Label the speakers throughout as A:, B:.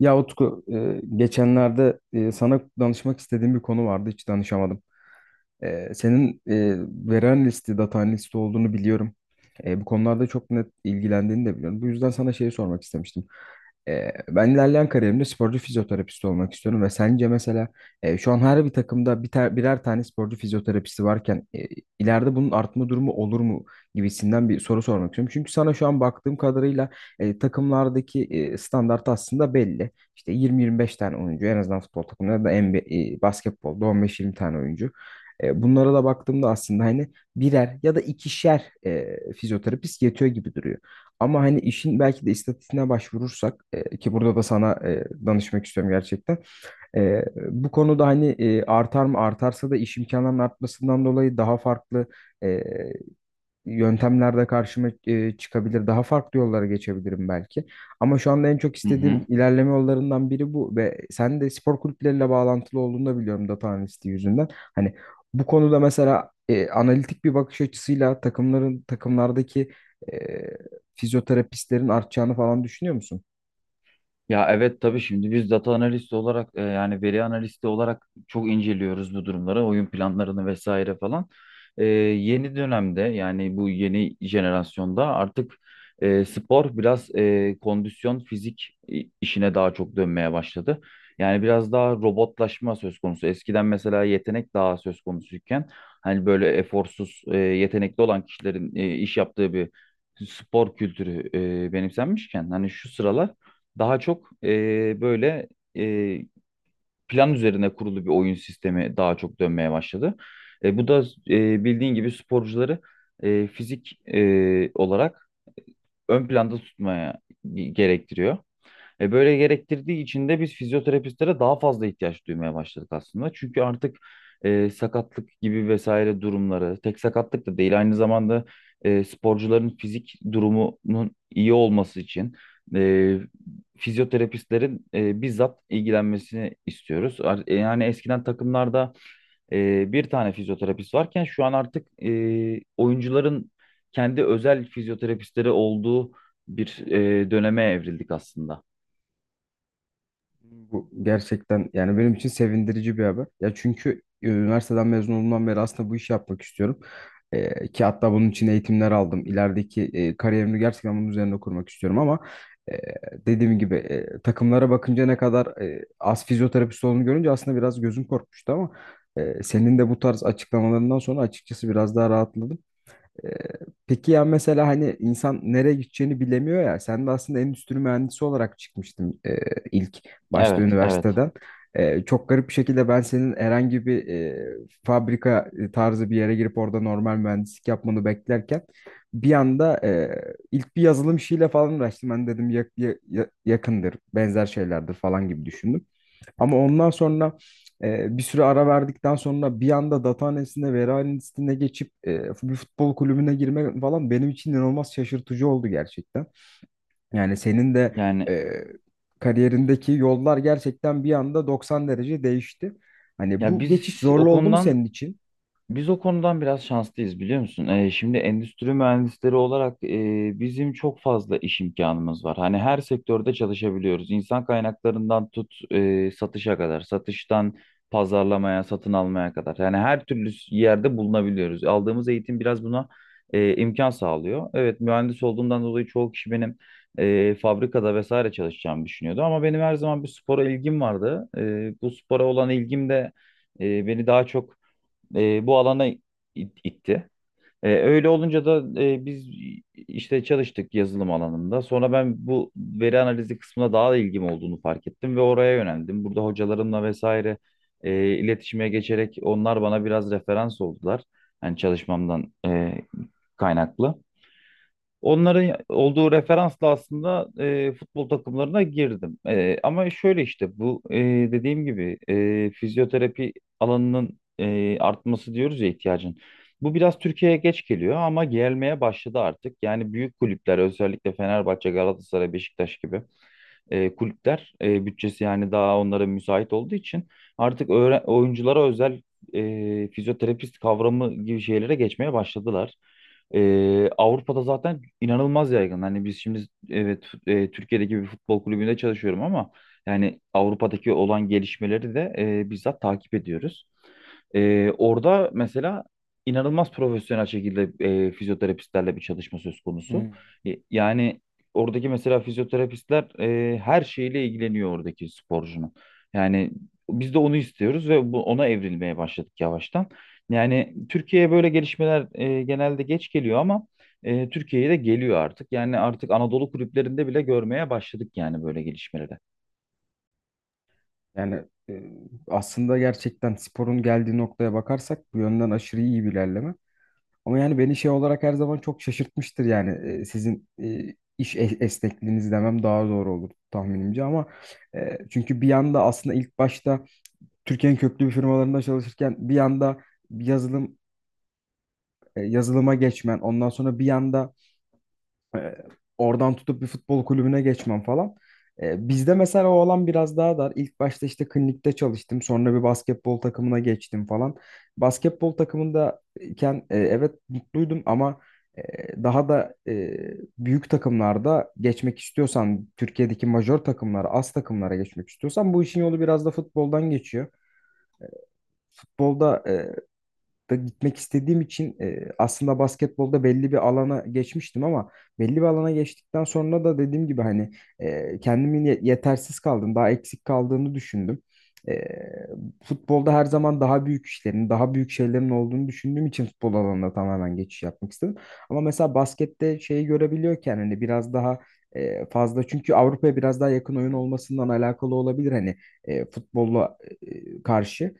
A: Ya Utku, geçenlerde sana danışmak istediğim bir konu vardı. Hiç danışamadım. Senin veri analisti, data analisti olduğunu biliyorum. Bu konularda çok net ilgilendiğini de biliyorum. Bu yüzden sana şeyi sormak istemiştim. Ben ilerleyen kariyerimde sporcu fizyoterapist olmak istiyorum ve sence mesela şu an her bir takımda birer tane sporcu fizyoterapisti varken ileride bunun artma durumu olur mu gibisinden bir soru sormak istiyorum. Çünkü sana şu an baktığım kadarıyla takımlardaki standart aslında belli. İşte 20-25 tane oyuncu en azından futbol takımlarında da NBA, basketbolda 15-20 tane oyuncu. Bunlara da baktığımda aslında hani birer ya da ikişer fizyoterapist yetiyor gibi duruyor. Ama hani işin belki de istatistiğine başvurursak ki burada da sana danışmak istiyorum gerçekten. E, bu konuda hani artar mı, artarsa da iş imkanlarının artmasından dolayı daha farklı e, yöntemlerde karşıma çıkabilir. Daha farklı yollara geçebilirim belki. Ama şu anda en çok
B: Hı
A: istediğim
B: hı.
A: ilerleme yollarından biri bu ve sen de spor kulüpleriyle bağlantılı olduğunu da biliyorum, data analisti yüzünden. Hani bu konuda mesela analitik bir bakış açısıyla takımlardaki e, fizyoterapistlerin artacağını falan düşünüyor musun?
B: Ya evet, tabii, şimdi biz data analisti olarak yani veri analisti olarak çok inceliyoruz bu durumları, oyun planlarını vesaire falan. Yeni dönemde, yani bu yeni jenerasyonda artık spor biraz kondisyon fizik işine daha çok dönmeye başladı. Yani biraz daha robotlaşma söz konusu. Eskiden mesela yetenek daha söz konusuyken hani böyle eforsuz, yetenekli olan kişilerin iş yaptığı bir spor kültürü benimsenmişken, hani şu sıralar daha çok böyle e, plan üzerine kurulu bir oyun sistemi daha çok dönmeye başladı. Bu da bildiğin gibi sporcuları fizik olarak ön planda tutmaya gerektiriyor. E, böyle gerektirdiği için de biz fizyoterapistlere daha fazla ihtiyaç duymaya başladık aslında. Çünkü artık sakatlık gibi vesaire durumları, tek sakatlık da değil, aynı zamanda sporcuların fizik durumunun iyi olması için e, fizyoterapistlerin bizzat ilgilenmesini istiyoruz. Yani eskiden takımlarda bir tane fizyoterapist varken şu an artık oyuncuların kendi özel fizyoterapistleri olduğu bir döneme evrildik aslında.
A: Bu gerçekten yani benim için sevindirici bir haber. Ya çünkü üniversiteden mezun olduğumdan beri aslında bu işi yapmak istiyorum. Ki hatta bunun için eğitimler aldım. İlerideki kariyerimi gerçekten bunun üzerine kurmak istiyorum ama e, dediğim gibi takımlara bakınca ne kadar az fizyoterapist olduğunu görünce aslında biraz gözüm korkmuştu, ama senin de bu tarz açıklamalarından sonra açıkçası biraz daha rahatladım. Ee, Peki ya mesela hani insan nereye gideceğini bilemiyor ya. Sen de aslında endüstri mühendisi olarak çıkmıştın ilk başta
B: Evet, evet.
A: üniversiteden. Çok garip bir şekilde ben senin herhangi bir fabrika tarzı bir yere girip orada normal mühendislik yapmanı beklerken bir anda ilk bir yazılım işiyle falan uğraştım. Ben dedim yakındır, benzer şeylerdir falan gibi düşündüm. Ama ondan sonra bir süre ara verdikten sonra bir anda data analistine, veri analistine geçip bir futbol kulübüne girmek falan benim için inanılmaz şaşırtıcı oldu gerçekten. Yani senin de
B: Yani
A: e, kariyerindeki yollar gerçekten bir anda 90 derece değişti. Hani
B: ya
A: bu
B: biz
A: geçiş
B: o
A: zorlu oldu mu
B: konudan
A: senin için?
B: biz o konudan biraz şanslıyız, biliyor musun? Şimdi endüstri mühendisleri olarak bizim çok fazla iş imkanımız var. Hani her sektörde çalışabiliyoruz. İnsan kaynaklarından tut satışa kadar, satıştan pazarlamaya, satın almaya kadar. Yani her türlü yerde bulunabiliyoruz. Aldığımız eğitim biraz buna imkan sağlıyor. Evet, mühendis olduğumdan dolayı çoğu kişi benim fabrikada vesaire çalışacağımı düşünüyordu. Ama benim her zaman bir spora ilgim vardı. E, bu spora olan ilgim de beni daha çok bu alana itti. Öyle olunca da biz işte çalıştık yazılım alanında. Sonra ben bu veri analizi kısmına daha da ilgim olduğunu fark ettim ve oraya yöneldim. Burada hocalarımla vesaire iletişime geçerek onlar bana biraz referans oldular. Yani çalışmamdan kaynaklı. Onların olduğu referansla aslında futbol takımlarına girdim. E, ama şöyle işte bu, dediğim gibi, fizyoterapi alanının artması diyoruz ya, ihtiyacın. Bu biraz Türkiye'ye geç geliyor ama gelmeye başladı artık. Yani büyük kulüpler, özellikle Fenerbahçe, Galatasaray, Beşiktaş gibi kulüpler, bütçesi yani daha onlara müsait olduğu için artık oyunculara özel fizyoterapist kavramı gibi şeylere geçmeye başladılar. E, Avrupa'da zaten inanılmaz yaygın. Hani biz şimdi evet, Türkiye'deki bir futbol kulübünde çalışıyorum ama yani Avrupa'daki olan gelişmeleri de bizzat takip ediyoruz. E, orada mesela inanılmaz profesyonel şekilde fizyoterapistlerle bir çalışma söz konusu.
A: Hmm.
B: E, yani oradaki mesela fizyoterapistler her şeyle ilgileniyor oradaki sporcunun. Yani biz de onu istiyoruz ve bu, ona evrilmeye başladık yavaştan. Yani Türkiye'ye böyle gelişmeler genelde geç geliyor ama Türkiye'ye de geliyor artık. Yani artık Anadolu kulüplerinde bile görmeye başladık yani böyle gelişmeleri.
A: Yani aslında gerçekten sporun geldiği noktaya bakarsak bu yönden aşırı iyi bir ilerleme. Ama yani beni şey olarak her zaman çok şaşırtmıştır, yani sizin esnekliğiniz demem daha doğru olur tahminimce, ama çünkü bir yanda aslında ilk başta Türkiye'nin köklü bir firmalarında çalışırken bir yanda yazılım yazılıma geçmen, ondan sonra bir yanda e, oradan tutup bir futbol kulübüne geçmem falan. Bizde mesela o alan biraz daha dar. İlk başta işte klinikte çalıştım. Sonra bir basketbol takımına geçtim falan. Basketbol takımındayken evet mutluydum, ama e, daha da büyük takımlarda geçmek istiyorsan, Türkiye'deki majör takımlara, az takımlara geçmek istiyorsan bu işin yolu biraz da futboldan geçiyor. Futbolda da gitmek istediğim için aslında basketbolda belli bir alana geçmiştim, ama belli bir alana geçtikten sonra da dediğim gibi hani yetersiz kaldım, daha eksik kaldığını düşündüm. E, futbolda her zaman daha büyük işlerin, daha büyük şeylerin olduğunu düşündüğüm için futbol alanına tamamen geçiş yapmak istedim. Ama mesela baskette şeyi görebiliyorken hani biraz daha fazla, çünkü Avrupa'ya biraz daha yakın oyun olmasından alakalı olabilir hani futbolla karşı.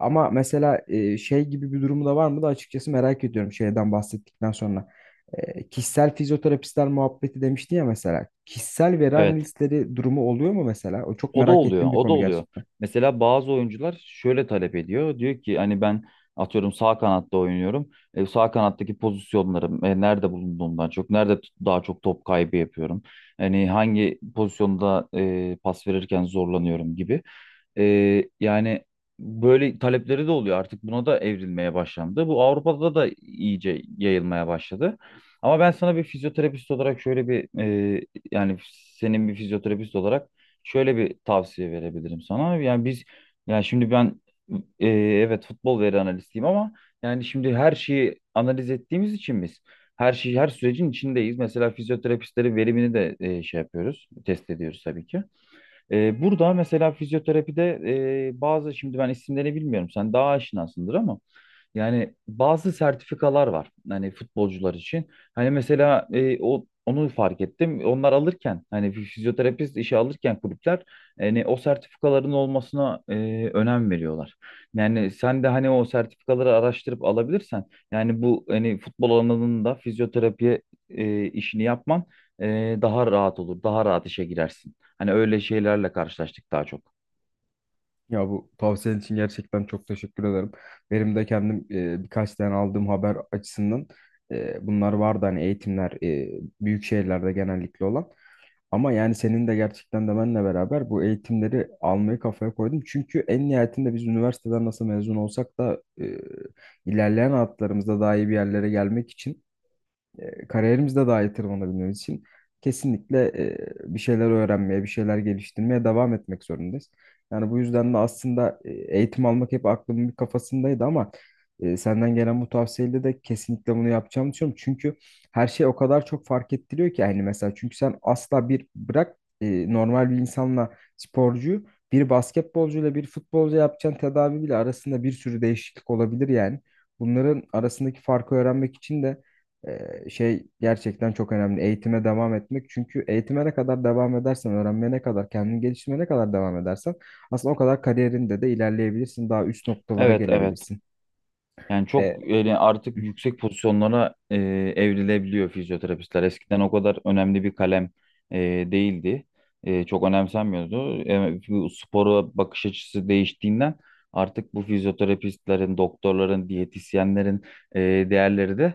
A: Ama mesela şey gibi bir durumu da var mı da açıkçası merak ediyorum, şeyden bahsettikten sonra. Kişisel fizyoterapistler muhabbeti demiştin ya mesela. Kişisel veri
B: Evet.
A: analistleri durumu oluyor mu mesela? O çok
B: O da
A: merak
B: oluyor,
A: ettiğim bir
B: o da
A: konu
B: oluyor.
A: gerçekten.
B: Mesela bazı oyuncular şöyle talep ediyor. Diyor ki hani ben atıyorum sağ kanatta oynuyorum. E, sağ kanattaki pozisyonlarım nerede bulunduğumdan çok, nerede daha çok top kaybı yapıyorum. Hani hangi pozisyonda pas verirken zorlanıyorum gibi. E, yani böyle talepleri de oluyor. Artık buna da evrilmeye başlandı. Bu Avrupa'da da iyice yayılmaya başladı. Ama ben sana bir fizyoterapist olarak şöyle bir, e, yani senin bir fizyoterapist olarak şöyle bir tavsiye verebilirim sana. Yani biz yani şimdi ben evet futbol veri analistiyim ama yani şimdi her şeyi analiz ettiğimiz için biz her şeyi, her sürecin içindeyiz. Mesela fizyoterapistlerin verimini de şey yapıyoruz, test ediyoruz tabii ki. E, burada mesela fizyoterapide bazı, şimdi ben isimlerini bilmiyorum, sen daha aşinasındır ama yani bazı sertifikalar var hani futbolcular için. Hani mesela e, o onu fark ettim. Onlar alırken, hani fizyoterapist işe alırken kulüpler hani o sertifikaların olmasına önem veriyorlar. Yani sen de hani o sertifikaları araştırıp alabilirsen yani bu, hani futbol alanında fizyoterapi işini yapman daha rahat olur. Daha rahat işe girersin. Hani öyle şeylerle karşılaştık daha çok.
A: Ya bu tavsiyen için gerçekten çok teşekkür ederim. Benim de kendim birkaç tane aldığım haber açısından bunlar vardı hani, eğitimler büyük şehirlerde genellikle olan. Ama yani senin de gerçekten de benle beraber bu eğitimleri almayı kafaya koydum. Çünkü en nihayetinde biz üniversiteden nasıl mezun olsak da ilerleyen hayatlarımızda daha iyi bir yerlere gelmek için kariyerimizde daha iyi tırmanabilmemiz için kesinlikle bir şeyler öğrenmeye, bir şeyler geliştirmeye devam etmek zorundayız. Yani bu yüzden de aslında eğitim almak hep aklımın bir kafasındaydı, ama senden gelen bu tavsiyeyle de kesinlikle bunu yapacağımı düşünüyorum. Çünkü her şey o kadar çok fark ettiriyor ki, hani mesela, çünkü sen asla bir bırak normal bir insanla sporcuyu, bir basketbolcuyla bir futbolcu yapacağın tedavi bile arasında bir sürü değişiklik olabilir yani. Bunların arasındaki farkı öğrenmek için de şey gerçekten çok önemli. Eğitime devam etmek. Çünkü eğitime ne kadar devam edersen, öğrenmeye ne kadar, kendini geliştirmeye ne kadar devam edersen aslında o kadar kariyerinde de ilerleyebilirsin. Daha üst noktalara
B: Evet, evet.
A: gelebilirsin.
B: Yani çok
A: Ee,
B: öyle artık yüksek pozisyonlara evrilebiliyor fizyoterapistler. Eskiden o kadar önemli bir kalem e, değildi. E, çok önemsenmiyordu. E, bu spora bakış açısı değiştiğinden artık bu fizyoterapistlerin, doktorların, diyetisyenlerin e, değerleri de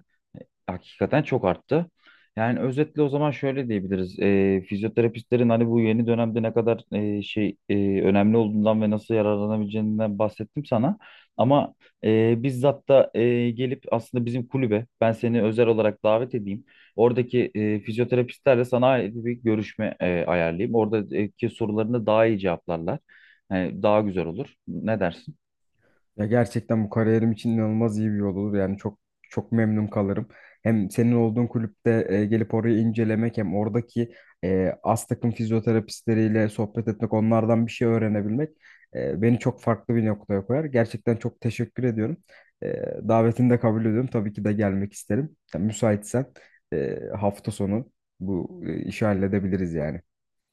B: hakikaten çok arttı. Yani özetle o zaman şöyle diyebiliriz. Fizyoterapistlerin hani bu yeni dönemde ne kadar önemli olduğundan ve nasıl yararlanabileceğinden bahsettim sana. Ama bizzat da gelip aslında bizim kulübe ben seni özel olarak davet edeyim. Oradaki fizyoterapistlerle sana ait bir görüşme ayarlayayım. Oradaki sorularını daha iyi cevaplarlar. Yani daha güzel olur. Ne dersin?
A: Ya gerçekten bu kariyerim için inanılmaz iyi bir yol olur. Yani çok çok memnun kalırım. Hem senin olduğun kulüpte gelip orayı incelemek, hem oradaki az takım fizyoterapistleriyle sohbet etmek, onlardan bir şey öğrenebilmek beni çok farklı bir noktaya koyar. Gerçekten çok teşekkür ediyorum. E, davetini de kabul ediyorum. Tabii ki de gelmek isterim. Yani müsaitsen hafta sonu bu işi halledebiliriz yani.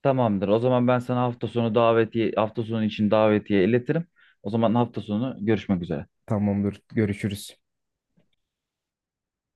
B: Tamamdır. O zaman ben sana hafta sonu davetiye, hafta sonu için davetiye iletirim. O zaman hafta sonu görüşmek üzere.
A: Tamamdır. Görüşürüz.